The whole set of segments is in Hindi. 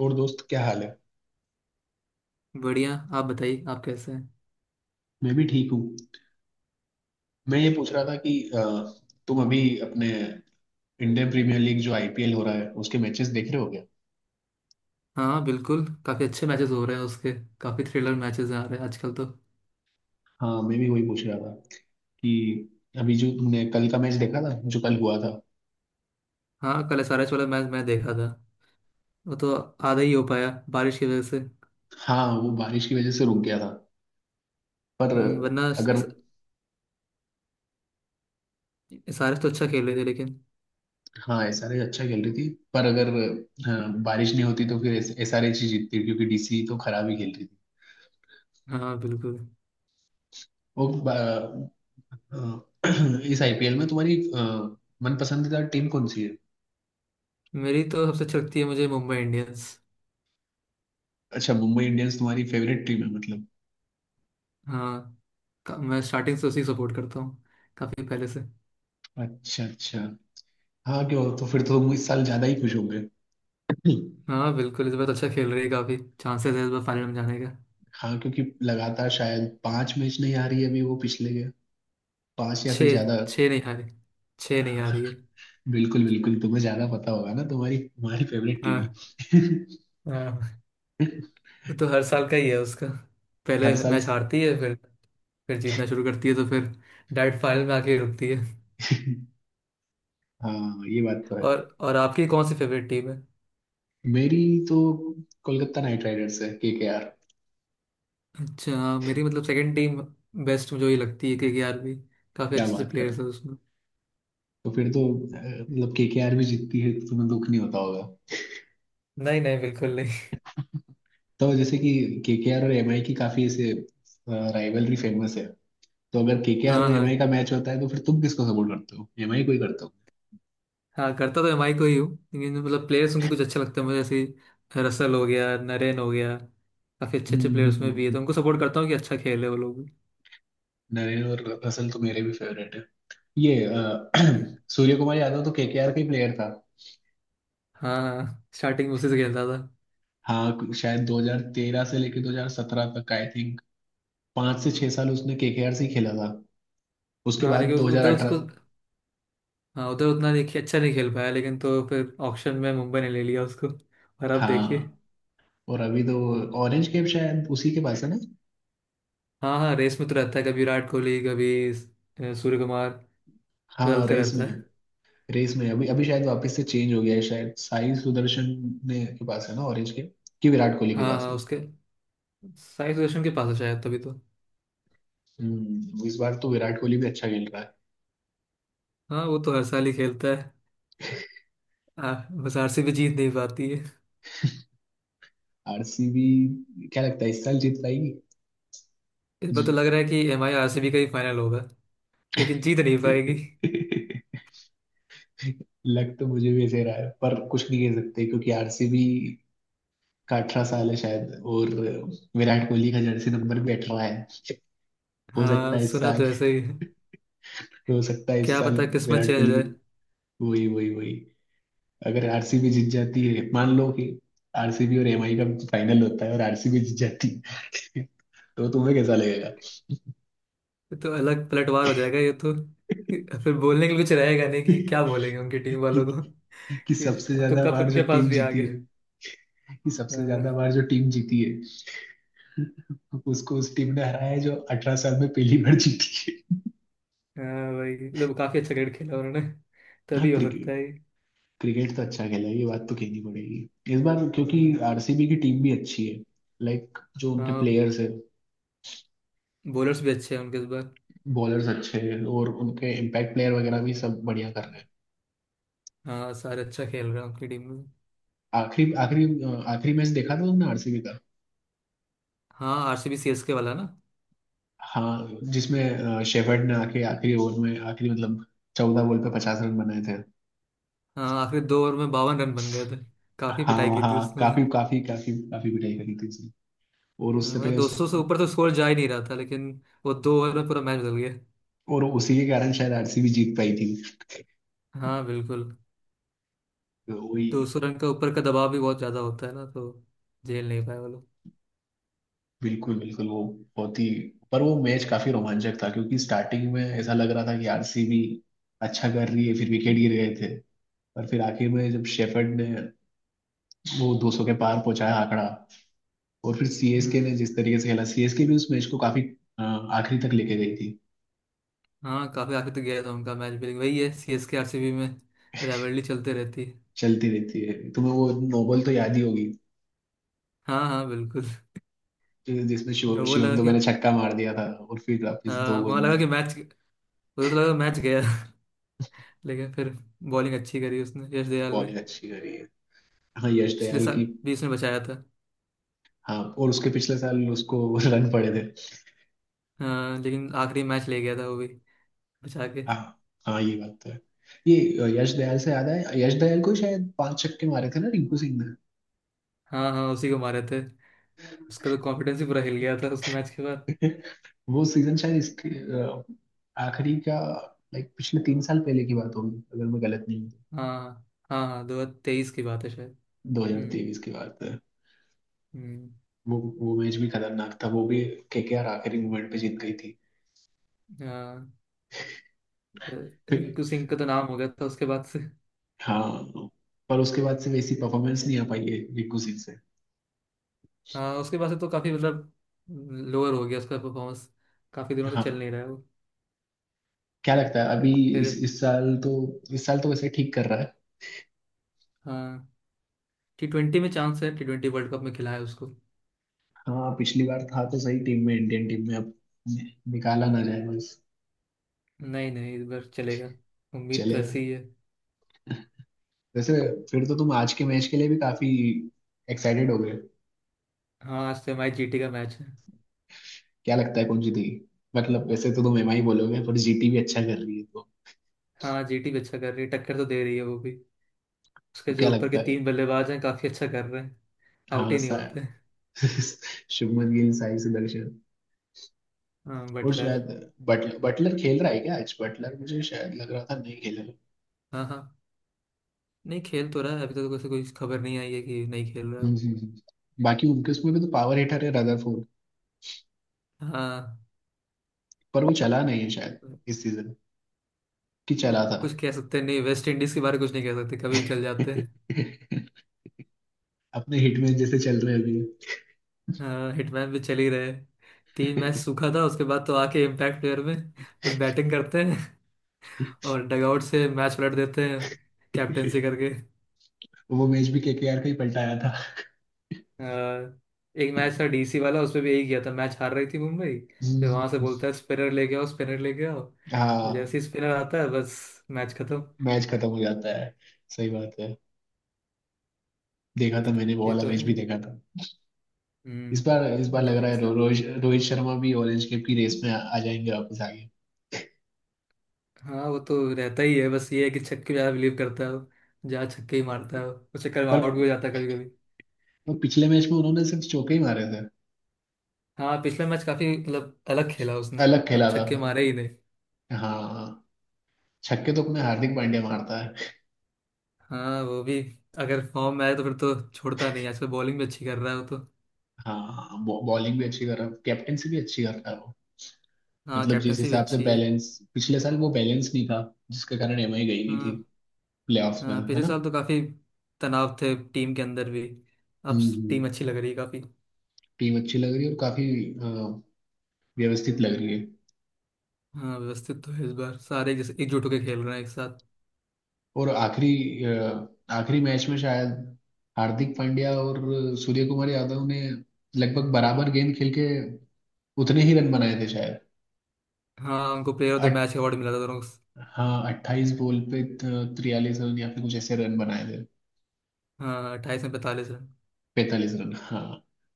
और दोस्त, क्या हाल है? बढ़िया। आप बताइए आप कैसे हैं। मैं भी ठीक हूँ। मैं ये पूछ रहा था कि तुम अभी अपने इंडियन प्रीमियर लीग जो आईपीएल हो रहा है उसके मैचेस देख रहे हो क्या? हाँ बिल्कुल, काफी अच्छे मैचेस हो रहे हैं उसके। काफी थ्रिलर मैचेस आ रहे हैं आजकल तो। हाँ, मैं भी वही पूछ रहा था कि अभी जो तुमने कल का मैच देखा था जो कल हुआ था। हाँ, कल एसआरएच वाला मैच मैं देखा था। वो तो आधा ही हो पाया बारिश की वजह से। हाँ वो बारिश की वजह से रुक गया था, पर वरना अगर। एसआरएच तो अच्छा खेल रहे थे लेकिन। हाँ एसआरएच अच्छा खेल रही थी, पर अगर। हाँ, बारिश नहीं होती तो फिर एसआरएच ही जीतती क्योंकि डीसी तो खराब ही खेल रही थी। हाँ बिल्कुल। वो बा- इस आईपीएल में तुम्हारी मन पसंदीदा टीम कौन सी है? मेरी तो सबसे अच्छी लगती है मुझे मुंबई इंडियंस। अच्छा, मुंबई इंडियंस तुम्हारी फेवरेट टीम है, मतलब। हाँ। मैं स्टार्टिंग से उसी सपोर्ट करता हूँ। काफी पहले से। अच्छा अच्छा। हाँ क्यों, तो फिर तो तुम इस साल ज्यादा ही खुश होंगे। हाँ बिल्कुल, इस बार तो अच्छा खेल रही है, काफी चांसेस है इस बार फाइनल में जाने का। हाँ क्योंकि लगातार शायद पांच मैच नहीं आ रही है अभी वो पिछले के, पांच या फिर छः। ज्यादा। छः नहीं हारी। छः नहीं हाँ, हारी है। बिल्कुल बिल्कुल, तुम्हें ज्यादा पता होगा ना, तुम्हारी तुम्हारी फेवरेट टीम है। हाँ हाँ। वो तो हर साल का ही है उसका। पहले हर साल। मैच हारती है फिर। फिर जीतना शुरू करती है, तो फिर डायरेक्ट फाइनल में आके रुकती है। हाँ ये बात तो है। और आपकी कौन सी फेवरेट टीम है। मेरी तो कोलकाता नाइट राइडर्स है, केकेआर। अच्छा, मेरी मतलब सेकंड टीम बेस्ट मुझे ये लगती है केकेआर भी। काफी क्या अच्छे अच्छे बात कर रहे प्लेयर्स हो! हैं उसमें। तो फिर तो अ, मतलब केकेआर भी जीतती है तो तुम्हें दुख नहीं होता होगा। नहीं नहीं बिल्कुल नहीं। तो जैसे कि केकेआर और एमआई की काफी ऐसे राइवलरी फेमस है। तो अगर केकेआर हाँ और एमआई हाँ। का मैच होता है तो फिर तुम किसको सपोर्ट करते हो, एमआई को ही करते हो? हाँ, करता तो एमआई को ही हूँ, लेकिन मतलब प्लेयर्स उनके कुछ अच्छा लगता है मुझे, जैसे रसल हो गया, नरेन हो गया। काफी अच्छे अच्छे प्लेयर्स में भी है, हम्म। तो उनको सपोर्ट करता हूँ कि अच्छा खेल है वो लोग भी। नरेन और असल तो मेरे भी फेवरेट है। ये हम्म। सूर्य कुमार यादव तो केकेआर का ही प्लेयर था। हाँ हाँ, स्टार्टिंग में उसी से खेलता था। हाँ शायद 2013 से लेकर 2017 तक, आई थिंक 5 से 6 साल उसने केकेआर से ही खेला था। उसके हाँ, बाद लेकिन उधर उसको। 2018। हाँ, उधर उतना देखिए अच्छा नहीं खेल पाया लेकिन, तो फिर ऑक्शन में मुंबई ने ले लिया उसको, और अब देखिए। हाँ और अभी तो ऑरेंज कैप शायद उसी के पास है ना? हाँ हाँ, रेस में तो रहता है, कभी विराट कोहली कभी सूर्य कुमार। हाँ बदलते रेस में रहता है। है। रेस में है। अभी अभी शायद वापस से चेंज हो गया है, शायद साई सुदर्शन ने के पास है ना ऑरेंज कैप? कि विराट कोहली के हाँ पास हाँ है? उसके, साई सुदर्शन के पास है शायद, तभी तो। इस बार तो विराट कोहली भी अच्छा खेल रहा है। हाँ, वो तो हर साल ही खेलता है। आ, बस आरसीबी जीत नहीं पाती है। आरसीबी क्या लगता है इस साल जीत पाएगी? इस बार तो जी- लग रहा है कि एम आई आरसीबी का ही फाइनल होगा, लेकिन जीत नहीं पाएगी। लग तो मुझे भी ऐसे रहा है पर कुछ नहीं कह सकते क्योंकि आरसीबी का 18 साल है शायद, और विराट कोहली का जर्सी नंबर भी 18 है। हो सकता हाँ, है इस सुना तो साल। ऐसा ही है। तो हो सकता है इस क्या साल पता किस्मत विराट चेंज हो कोहली की। जाए। वही वही वही। अगर आरसीबी जीत जाती है, मान लो कि आरसीबी और एमआई का फाइनल होता है और आरसीबी जीत जाती है तो तुम्हें कैसा लगेगा? ये तो अलग पलटवार हो जाएगा ये तो। फिर बोलने के लिए कुछ रहेगा नहीं कि क्या बोलेंगे उनकी टीम कि, वालों को। कि कि सबसे अब तो ज्यादा कप बार जो उनके पास टीम भी आ जीती गया। है, कि सबसे हाँ। ज्यादा बार जो टीम जीती है उसको उस टीम ने हराया है जो 18 साल में पहली बार जीती है। हाँ भाई, लोग काफी अच्छा क्रिकेट खेला उन्होंने। हाँ तभी हो सकता क्रिकेट। है ये। क्रिकेट तो अच्छा खेला है, ये बात तो कहनी पड़ेगी इस बार, क्योंकि हम्म। आरसीबी की टीम भी अच्छी है, लाइक जो उनके हाँ, प्लेयर्स है। बॉलर्स भी अच्छे हैं उनके इस बार। बॉलर्स अच्छे हैं और उनके इम्पैक्ट प्लेयर वगैरह भी सब बढ़िया कर रहे हैं। हाँ, सारे अच्छा खेल रहे हैं उनकी टीम में। आखिरी आखिरी अ, आखिरी मैच देखा था तुमने आरसीबी का? हाँ, आरसीबी सीएसके वाला ना। हाँ जिसमें शेफर्ड ने आके आखिरी ओवर में, आखिरी मतलब, 14 बॉल पे 50 रन बनाए थे। हाँ, आखिरी 2 ओवर में 52 रन बन गए थे। काफी पिटाई हाँ की थी हाँ, उसने उस काफी दिन। काफी काफी काफी पिटाई करी थी उसने। और हाँ, उससे मतलब पे उस 200 से ऊपर तो स्कोर जा ही नहीं रहा था, लेकिन वो 2 ओवर में पूरा मैच बदल गया। और उसी के कारण शायद आरसीबी जीत पाई थी। हाँ बिल्कुल। तो वही, तो उस रन का ऊपर का दबाव भी बहुत ज्यादा होता है ना, तो झेल नहीं पाए वो लोग। बिल्कुल बिल्कुल वो, बहुत ही। पर वो मैच काफी रोमांचक था क्योंकि स्टार्टिंग में ऐसा लग रहा था कि आरसीबी अच्छा कर रही है, फिर विकेट गिर गए थे। और फिर आखिर में जब शेफर्ड ने वो 200 के पार पहुंचाया आंकड़ा, और फिर सीएसके ने हम्म। जिस तरीके से खेला, सीएसके भी उस मैच को काफी आखिरी तक लेके गई थी। हाँ, काफी आगे तो गया था उनका मैच भी, वही है C S K R C B में राइवलरी चलते रहती है। चलती रहती है। तुम्हें वो नोबल तो याद ही होगी हाँ हाँ बिल्कुल। जिसमें न शिव वो शिवम लगा कि। दुबे ने छक्का मार दिया था, और फिर वापस हाँ, दो वहाँ गेंद लगा कि में मैच मुझे। तो लगा मैच गया। लेकिन फिर बॉलिंग अच्छी करी उसने, यश दयाल ने। बॉलिंग अच्छी करी है, हाँ यश पिछले दयाल साल की। भी उसने बचाया था। हाँ और उसके पिछले साल उसको रन पड़े थे। हाँ, लेकिन आखिरी मैच ले गया था वो भी, बचा के। हाँ हाँ, ये बात तो है। ये यश दयाल से याद है, यश दयाल को शायद पांच छक्के मारे थे ना रिंकू सिंह ने। हाँ हाँ, उसी को मारे थे। उसका तो कॉन्फिडेंस ही पूरा हिल गया था उसके मैच के बाद। वो सीजन शायद इसके अ, आखिरी का, लाइक पिछले 3 साल पहले की बात होगी, अगर मैं गलत नहीं हूँ। हाँ हाँ। हाँ, 2023 की बात है शायद। तो हम्म। 2023 की बात है। हम्म। वो मैच भी खतरनाक था, वो भी केकेआर आखिरी मोमेंट पे जीत गई थी। हाँ, अ, फिर रिंकू सिंह का तो नाम हो गया था उसके बाद से। हाँ, पर उसके बाद से वैसी परफॉर्मेंस नहीं आ पाई है रिंकू सिंह से। हाँ, उसके बाद से तो काफी मतलब लोअर हो गया उसका परफॉर्मेंस। काफी दिनों से चल हाँ नहीं रहा है वो। क्या लगता है अभी? इस फिर। इस साल तो, इस साल तो वैसे ठीक कर रहा है। हाँ, टी ट्वेंटी में चांस है, टी ट्वेंटी वर्ल्ड कप में खिलाया उसको। हाँ पिछली बार था तो सही टीम में, इंडियन टीम में अब निकाला ना जाए बस। नहीं नहीं, इस बार चलेगा। उम्मीद तो चलेगा ऐसी ही है। वैसे। फिर तो तुम आज के मैच के लिए भी काफी एक्साइटेड हो गए। हाँ, आज तो हमारी जीटी का मैच है। क्या लगता है कौन जीतेगी? मतलब वैसे तो तुम एम आई बोलोगे पर जीटी भी अच्छा कर रही है, तो। हाँ, जीटी भी अच्छा कर रही है, टक्कर तो दे रही है वो भी। उसके तो क्या जो ऊपर के लगता है? 3 बल्लेबाज हैं काफी अच्छा कर रहे हैं, आउट हाँ ही नहीं सा होते। शुभमन गिल, साई सुदर्शन हाँ, और बटलर। शायद बटलर। बटलर खेल रहा है क्या आज? बटलर मुझे शायद लग रहा था नहीं खेल रहा। हाँ हाँ, नहीं खेल तो रहा है, अभी तक तो कोई कोई खबर नहीं आई है कि नहीं खेल रहा है वो। बाकी उनके उसमें भी तो पावर हिटर है, रदरफोर्ड। हाँ, पर वो चला नहीं है शायद इस सीजन, कि चला था? कुछ कह सकते हैं नहीं, वेस्ट इंडीज के बारे में कुछ नहीं कह सकते, कभी भी चल जाते हैं। अपने हिटमैन जैसे चल रहे हैं हाँ, हिटमैन भी चल ही रहे। 3 मैच अभी। सूखा था उसके बाद, तो आके इम्पैक्ट प्लेयर में बस बैटिंग करते हैं और डगआउट से मैच पलट देते हैं कैप्टेंसी करके। वो मैच भी केकेआर का ही पलटाया था। हाँ, एक मैच था डीसी वाला, उसमें भी यही किया था, मैच हार रही थी मुंबई, फिर हम्म, वहां से बोलता है स्पिनर लेके आओ स्पिनर लेके आओ, तो हाँ जैसे ही स्पिनर आता है बस मैच खत्म। मैच खत्म हो जाता है। सही बात है। देखा था मैंने, वो ये वाला तो मैच है भी ही। देखा था। इस बार लग दिल्ली रहा है के रो, साथ। रोहित रोहित शर्मा भी ऑरेंज कैप की रेस में आ जाएंगे वापस आगे। हाँ, वो तो रहता ही है, बस ये है कि छक्के ज्यादा बिलीव करता है वो, ज्यादा छक्के ही मारता है वो चक्कर में पर आउट भी हो जाता है कभी कभी। वो पिछले मैच में उन्होंने सिर्फ चौके ही मारे थे। हाँ, पिछला मैच काफी मतलब अलग खेला उसने। अलग अब खेला था छक्के वो। मारे ही नहीं। हाँ छक्के तो अपने हार्दिक पांड्या मारता है। हाँ, वो भी अगर फॉर्म में आए तो फिर तो छोड़ता नहीं, आजकल बॉलिंग भी अच्छी कर रहा है वो तो। हाँ बॉलिंग भी अच्छी कर रहा है, कैप्टेंसी भी अच्छी कर रहा है वो। हाँ, मतलब जिस कैप्टनसी भी हिसाब से अच्छी है। बैलेंस, पिछले साल वो बैलेंस नहीं था जिसके कारण एमआई गई नहीं थी हाँ प्लेऑफ्स में, हाँ, है पिछले ना? साल तो काफी तनाव थे टीम के अंदर भी। अब हम्म टीम हम्म। अच्छी लग रही है काफी। टीम अच्छी लग रही है और काफी अ, व्यवस्थित लग रही है। हाँ, व्यवस्थित तो है इस बार, सारे जैसे एकजुट होकर खेल रहे हैं एक साथ। और आखिरी मैच में शायद हार्दिक पांड्या और सूर्य कुमार यादव ने लगभग बराबर गेंद खेल के उतने ही रन बनाए थे शायद। हाँ, उनको प्लेयर ऑफ द अट, मैच अवार्ड मिला था दोनों को। हाँ 28 बॉल पे 43 रन या फिर कुछ ऐसे रन बनाए थे। हाँ, 28 में 45 रन। 45 रन, हाँ।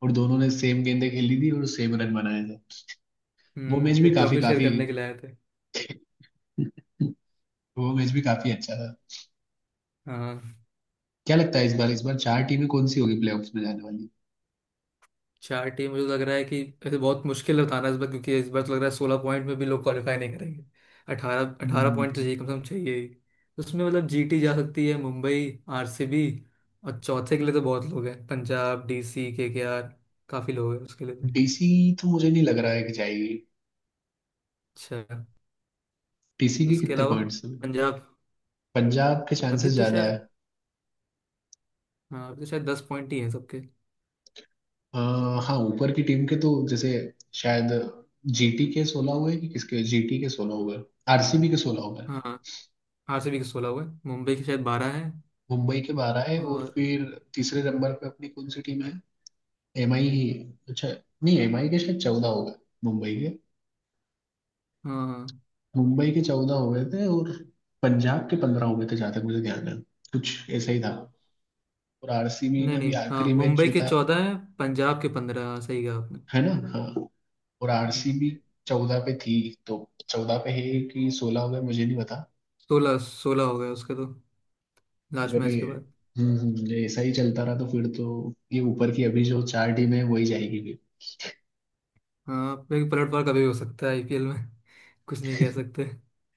और दोनों ने सेम गेंदें खेली थी और सेम रन बनाए थे। वो मैच भी फिर काफी ट्रॉफी शेयर काफी करने के लिए आए थे। वो मैच भी काफी अच्छा था। हाँ, क्या लगता है इस बार चार टीमें कौन सी होगी प्लेऑफ्स में जाने वाली? 4 टीम मुझे तो लग रहा है कि ऐसे बहुत मुश्किल है बताना इस बार, क्योंकि इस बार तो लग रहा है 16 पॉइंट में भी लोग क्वालिफाई नहीं करेंगे। 18 18 पॉइंट तो डीसी चाहिए, कम से कम चाहिए ही। उसमें मतलब जीटी जा सकती है, मुंबई, आरसीबी, और चौथे के लिए तो बहुत लोग हैं, पंजाब डीसी केकेआर, काफ़ी लोग हैं उसके लिए तो। तो मुझे नहीं लग रहा है कि जाएगी। अच्छा, डीसी के उसके कितने अलावा पॉइंट्स हैं? पंजाब। पंजाब के अभी चांसेस तो ज्यादा है। शायद। हाँ, अभी तो शायद 10 पॉइंट ही हैं सबके। आ, हाँ ऊपर की टीम के तो, जैसे शायद जीटी के 16 हुए कि किसके? जीटी के 16 हुए, आरसीबी के 16 हुए, हाँ, आरसीबी के 16 हुए। मुंबई के शायद 12 हैं। मुंबई के 12 है, और और। फिर तीसरे नंबर पे अपनी कौन सी टीम है? एमआई ही है। अच्छा, नहीं एमआई के शायद 14 हो गए, मुंबई के। हाँ। मुंबई के 14 हो गए थे और पंजाब के 15 हो गए थे जहाँ तक मुझे ध्यान है, कुछ ऐसा ही था। और आरसीबी नहीं ने नहीं, भी हाँ, आखिरी मैच मुंबई के जीता है 14 है, पंजाब के 15, हाँ सही कहा आपने। है ना? हाँ और हम्म, आरसीबी 14 पे थी, तो 14 पे है कि 16 हो गए, मुझे नहीं पता। 16 16 हो गए उसके तो, लास्ट अगर मैच ये, के बाद। ये ऐसा ही चलता रहा तो फिर तो ये ऊपर की अभी जो चार टीम है वही जाएगी भी। हाँ भाई, पलटवार कभी हो सकता है आईपीएल में, कुछ नहीं कह सकते।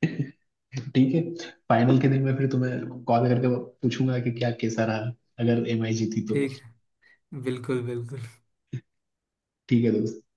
ठीक है। फाइनल के दिन मैं फिर तुम्हें कॉल करके पूछूंगा कि क्या कैसा रहा, अगर एमआई जीती तो। ठीक है, बिल्कुल बिल्कुल। ठीक है दोस्त।